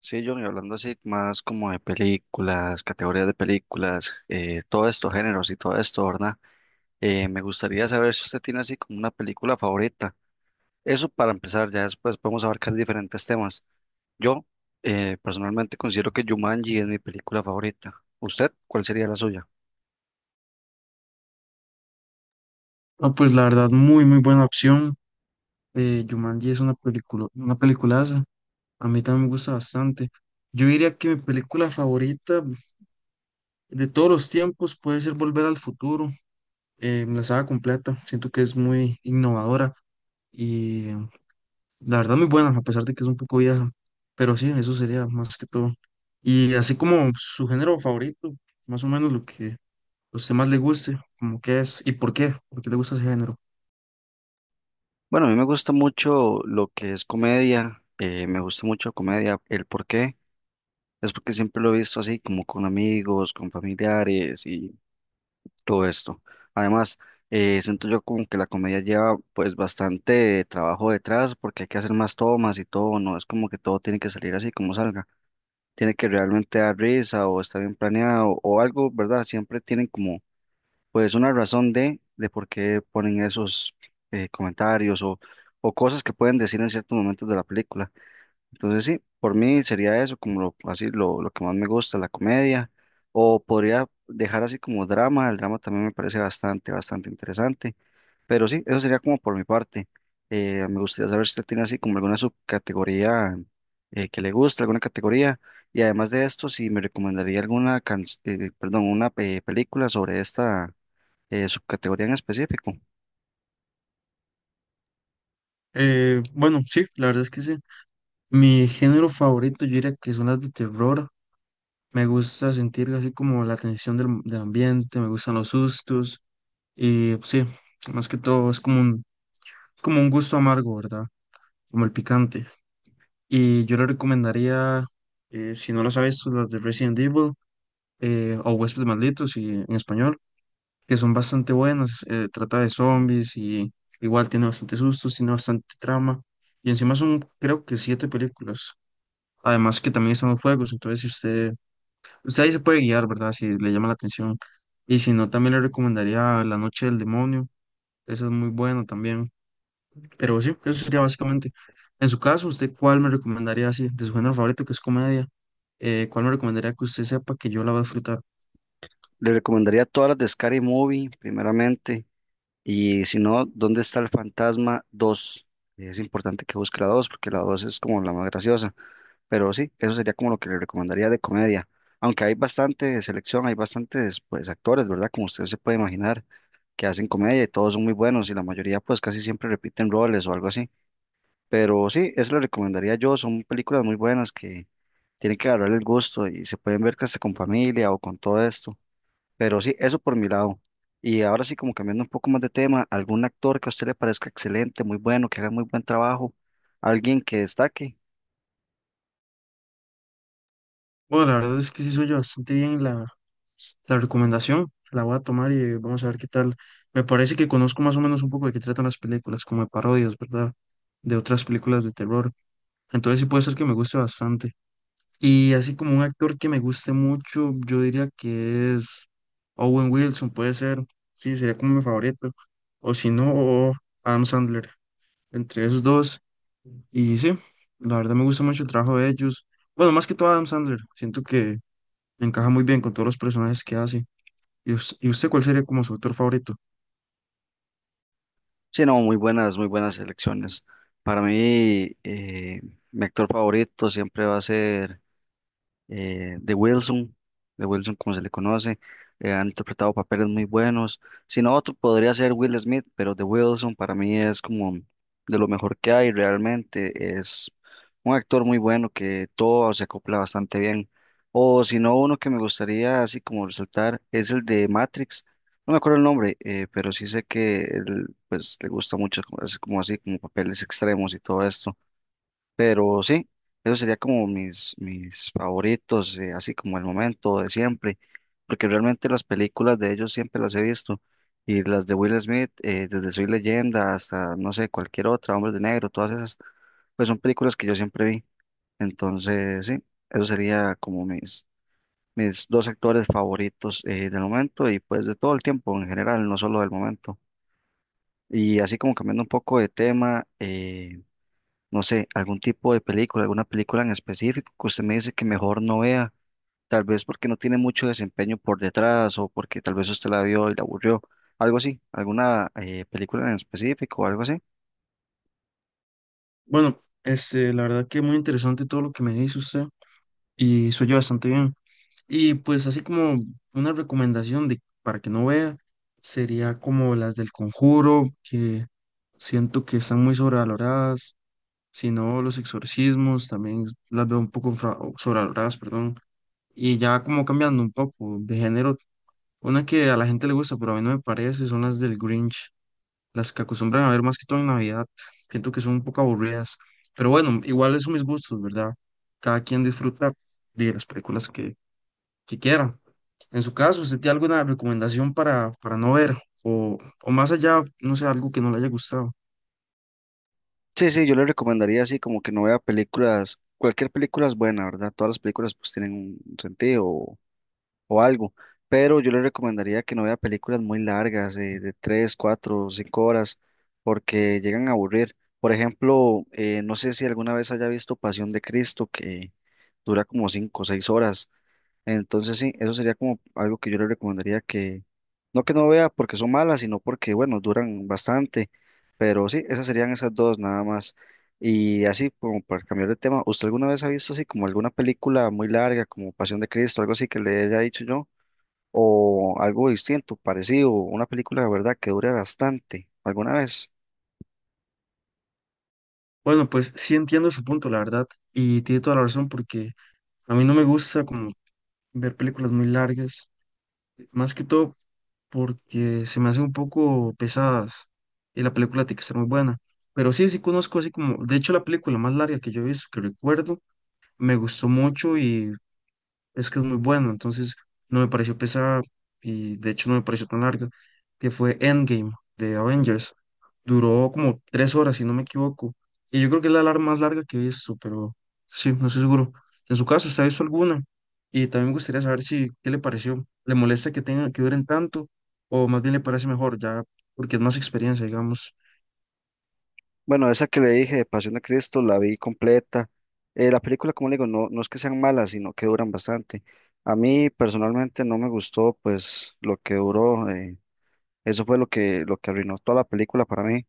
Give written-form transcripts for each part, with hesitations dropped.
Sí, John, y hablando así más como de películas, categorías de películas, todos estos géneros y todo esto, ¿verdad? Me gustaría saber si usted tiene así como una película favorita. Eso para empezar, ya después podemos abarcar diferentes temas. Yo Personalmente considero que Jumanji es mi película favorita. ¿Usted cuál sería la suya? No, pues la verdad, muy buena opción. Jumanji es una peliculaza. A mí también me gusta bastante. Yo diría que mi película favorita de todos los tiempos puede ser Volver al Futuro. La saga completa. Siento que es muy innovadora y la verdad muy buena, a pesar de que es un poco vieja. Pero sí, eso sería más que todo. Y así como su género favorito, más o menos lo que a usted más le guste, como que es y por qué le gusta ese género. Bueno, a mí me gusta mucho lo que es comedia, me gusta mucho comedia. ¿El por qué? Es porque siempre lo he visto así, como con amigos, con familiares todo esto. Además, siento yo como que la comedia lleva pues bastante trabajo detrás porque hay que hacer más tomas y todo, no es como que todo tiene que salir así como salga, tiene que realmente dar risa o está bien planeado o algo, ¿verdad? Siempre tienen como pues una razón de por qué ponen esos comentarios o cosas que pueden decir en ciertos momentos de la película. Entonces sí, por mí sería eso, como lo, así lo que más me gusta, la comedia, o podría dejar así como drama, el drama también me parece bastante, bastante interesante, pero sí, eso sería como por mi parte. Me gustaría saber si usted tiene así como alguna subcategoría que le gusta, alguna categoría, y además de esto, si me recomendaría perdón, una película sobre esta subcategoría en específico. Bueno, sí, la verdad es que sí. Mi género favorito, yo diría que son las de terror. Me gusta sentir así como la tensión del ambiente, me gustan los sustos. Y pues, sí, más que todo es como un gusto amargo, ¿verdad? Como el picante. Y yo le recomendaría, si no las ha visto, las de Resident Evil o Huéspedes Malditos y, en español, que son bastante buenas. Trata de zombies y igual tiene bastante sustos, tiene bastante trama. Y encima son, creo que siete películas. Además que también están los juegos, entonces si usted usted ahí se puede guiar, ¿verdad? Si le llama la atención. Y si no, también le recomendaría La Noche del Demonio. Esa es muy buena también. Pero sí, eso sería básicamente. En su caso, ¿usted cuál me recomendaría así? De su género favorito, que es comedia. ¿Cuál me recomendaría que usted sepa que yo la voy a disfrutar? Le recomendaría todas las de Scary Movie, primeramente. Y si no, ¿dónde está el fantasma dos? Es importante que busque la 2 porque la 2 es como la más graciosa. Pero sí, eso sería como lo que le recomendaría de comedia. Aunque hay bastante selección, hay bastantes pues actores, ¿verdad? Como usted se puede imaginar, que hacen comedia y todos son muy buenos y la mayoría pues casi siempre repiten roles o algo así. Pero sí, eso le recomendaría yo. Son películas muy buenas que tienen que agarrar el gusto y se pueden ver casi con familia o con todo esto. Pero sí, eso por mi lado. Y ahora sí, como cambiando un poco más de tema, algún actor que a usted le parezca excelente, muy bueno, que haga muy buen trabajo, alguien que destaque. Bueno, la verdad es que sí soy yo bastante bien la recomendación. La voy a tomar y vamos a ver qué tal. Me parece que conozco más o menos un poco de qué tratan las películas, como de parodias, ¿verdad? De otras películas de terror. Entonces sí puede ser que me guste bastante. Y así como un actor que me guste mucho, yo diría que es Owen Wilson, puede ser, sí, sería como mi favorito. O si no, Adam Sandler, entre esos dos. Y sí, la verdad me gusta mucho el trabajo de ellos. Bueno, más que todo Adam Sandler, siento que encaja muy bien con todos los personajes que hace. Y usted cuál sería como su actor favorito? Sí, no, muy buenas elecciones. Para mí, eh, mi actor favorito siempre va a ser eh, de Wilson, de Wilson como se le conoce, han interpretado papeles muy buenos. Si no, otro podría ser Will Smith, pero de Wilson para mí es como de lo mejor que hay realmente. Es un actor muy bueno que todo se acopla bastante bien. O si no, uno que me gustaría así como resaltar es el de Matrix. No me acuerdo el nombre, pero sí sé que él, pues, le gusta mucho, como- así como así, como papeles extremos y todo esto. Pero sí, eso sería como mis favoritos, así como el momento de siempre, porque realmente las películas de ellos siempre las he visto, y las de Will Smith, desde Soy Leyenda hasta, no sé, cualquier otra, Hombres de Negro, todas esas, pues son películas que yo siempre vi. Entonces, sí, eso sería como mis dos actores favoritos del momento y pues de todo el tiempo en general, no solo del momento. Y así como cambiando un poco de tema, no sé, algún tipo de película, alguna película en específico que usted me dice que mejor no vea, tal vez porque no tiene mucho desempeño por detrás o porque tal vez usted la vio y la aburrió, algo así, alguna película en específico o algo así. Bueno, este, la verdad que muy interesante todo lo que me dice usted y se oye bastante bien. Y pues así como una recomendación de, para que no vea, sería como las del Conjuro, que siento que están muy sobrevaloradas, si no los exorcismos, también las veo un poco sobrevaloradas, perdón. Y ya como cambiando un poco de género, una que a la gente le gusta, pero a mí no me parece, son las del Grinch, las que acostumbran a ver más que todo en Navidad. Siento que son un poco aburridas, pero bueno, igual son mis gustos, ¿verdad? Cada quien disfruta de las películas que quiera. En su caso, ¿usted tiene alguna recomendación para no ver? O más allá, no sé, algo que no le haya gustado. Sí, sí, yo le recomendaría así como que no vea películas, cualquier película es buena, ¿verdad? Todas las películas pues tienen un sentido, o algo. Pero yo le recomendaría que no vea películas muy largas, de 3, 4, 5 horas, porque llegan a aburrir. Por ejemplo, no sé si alguna vez haya visto Pasión de Cristo, que dura como 5 o 6 horas. Entonces, sí, eso sería como algo que yo le recomendaría que no vea porque son malas, sino porque, bueno, duran bastante. Pero sí, esas serían esas dos nada más. Y así, como para cambiar de tema, ¿usted alguna vez ha visto así como alguna película muy larga, como Pasión de Cristo, algo así que le haya dicho yo? ¿O algo distinto, parecido, una película de verdad que dure bastante, alguna vez? Bueno, pues sí entiendo su punto, la verdad, y tiene toda la razón porque a mí no me gusta como ver películas muy largas, más que todo porque se me hacen un poco pesadas y la película tiene que estar muy buena. Pero sí, sí conozco así como, de hecho la película más larga que yo he visto, que recuerdo, me gustó mucho y es que es muy bueno, entonces no me pareció pesada y de hecho no me pareció tan larga, que fue Endgame de Avengers. Duró como tres horas, si no me equivoco. Y yo creo que es más larga que he visto, pero sí, no estoy seguro. En su caso, ¿usted ha visto alguna? Y también me gustaría saber si, ¿qué le pareció? ¿Le molesta que tengan, que duren tanto? ¿O más bien le parece mejor ya, porque es más experiencia, digamos? Bueno, esa que le dije de Pasión de Cristo la vi completa. La película, como le digo, no, no es que sean malas, sino que duran bastante. A mí personalmente no me gustó, pues, lo que duró. Eso fue lo que arruinó toda la película para mí.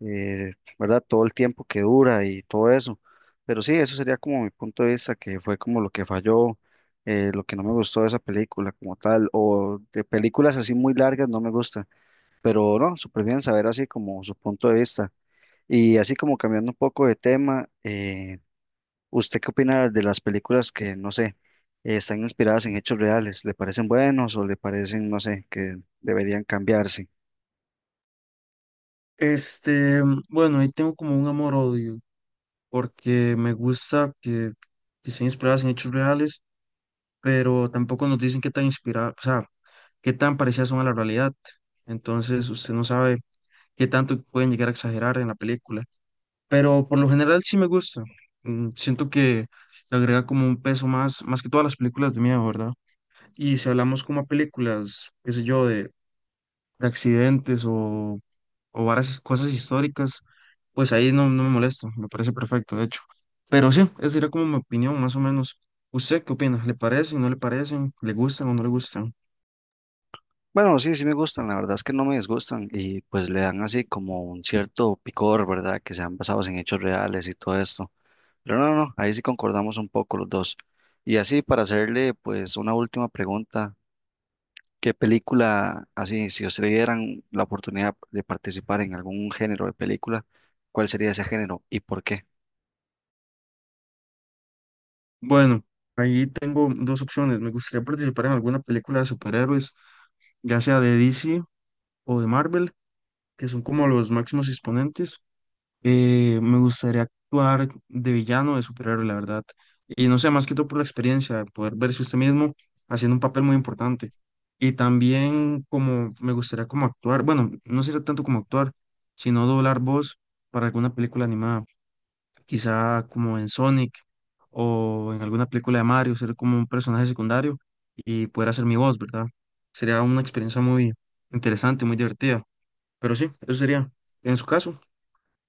eh, ¿Verdad? Todo el tiempo que dura y todo eso. Pero sí, eso sería como mi punto de vista, que fue como lo que falló, lo que no me gustó de esa película como tal, o de películas así muy largas no me gusta, pero no, súper bien saber así como su punto de vista. Y así como cambiando un poco de tema, ¿usted qué opina de las películas que, no sé, están inspiradas en hechos reales? ¿Le parecen buenos o le parecen, no sé, que deberían cambiarse? Este, bueno, ahí tengo como un amor-odio, porque me gusta que estén inspiradas en hechos reales pero tampoco nos dicen qué tan inspirada, o sea, qué tan parecidas son a la realidad. Entonces, usted no sabe qué tanto pueden llegar a exagerar en la película. Pero por lo general sí me gusta. Mm, siento que le agrega como un peso más, más que todas las películas de miedo, ¿verdad? Y si hablamos como a películas, qué sé yo, de accidentes o varias cosas históricas, pues ahí no, no me molesta, me parece perfecto, de hecho. Pero sí, esa sería como mi opinión, más o menos. ¿Usted qué opina? ¿Le parecen, no le parecen? ¿Le gustan o no le gustan? Bueno, sí, sí me gustan, la verdad es que no me disgustan y pues le dan así como un cierto picor, ¿verdad? Que sean basados en hechos reales y todo esto. Pero no, no, ahí sí concordamos un poco los dos. Y así para hacerle pues una última pregunta, ¿qué película, así, si ustedes dieran la oportunidad de participar en algún género de película, cuál sería ese género y por qué? Bueno, ahí tengo dos opciones. Me gustaría participar en alguna película de superhéroes, ya sea de DC o de Marvel, que son como los máximos exponentes. Me gustaría actuar de villano, de superhéroe, la verdad. Y no sé, más que todo por la experiencia, poder verse usted mismo haciendo un papel muy importante. Y también como me gustaría como actuar, bueno, no sería tanto como actuar, sino doblar voz para alguna película animada, quizá como en Sonic o en alguna película de Mario, ser como un personaje secundario y poder hacer mi voz, ¿verdad? Sería una experiencia muy interesante, muy divertida. Pero sí, eso sería. En su caso,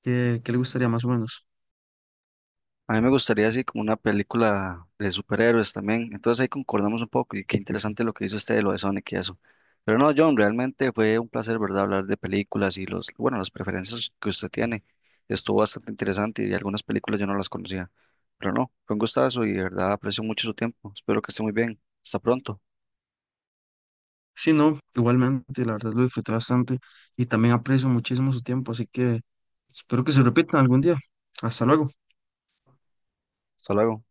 ¿qué le gustaría más o menos? A mí me gustaría así como una película de superhéroes también. Entonces ahí concordamos un poco y qué interesante lo que hizo usted de lo de Sonic y eso. Pero no, John, realmente fue un placer, ¿verdad? Hablar de películas y los, bueno, las preferencias que usted tiene. Estuvo bastante interesante y algunas películas yo no las conocía. Pero no, fue un gustazo y de verdad aprecio mucho su tiempo. Espero que esté muy bien. Hasta pronto. Sí, no, igualmente, la verdad lo disfruté bastante y también aprecio muchísimo su tiempo, así que espero que se repita algún día. Hasta luego. Hasta luego.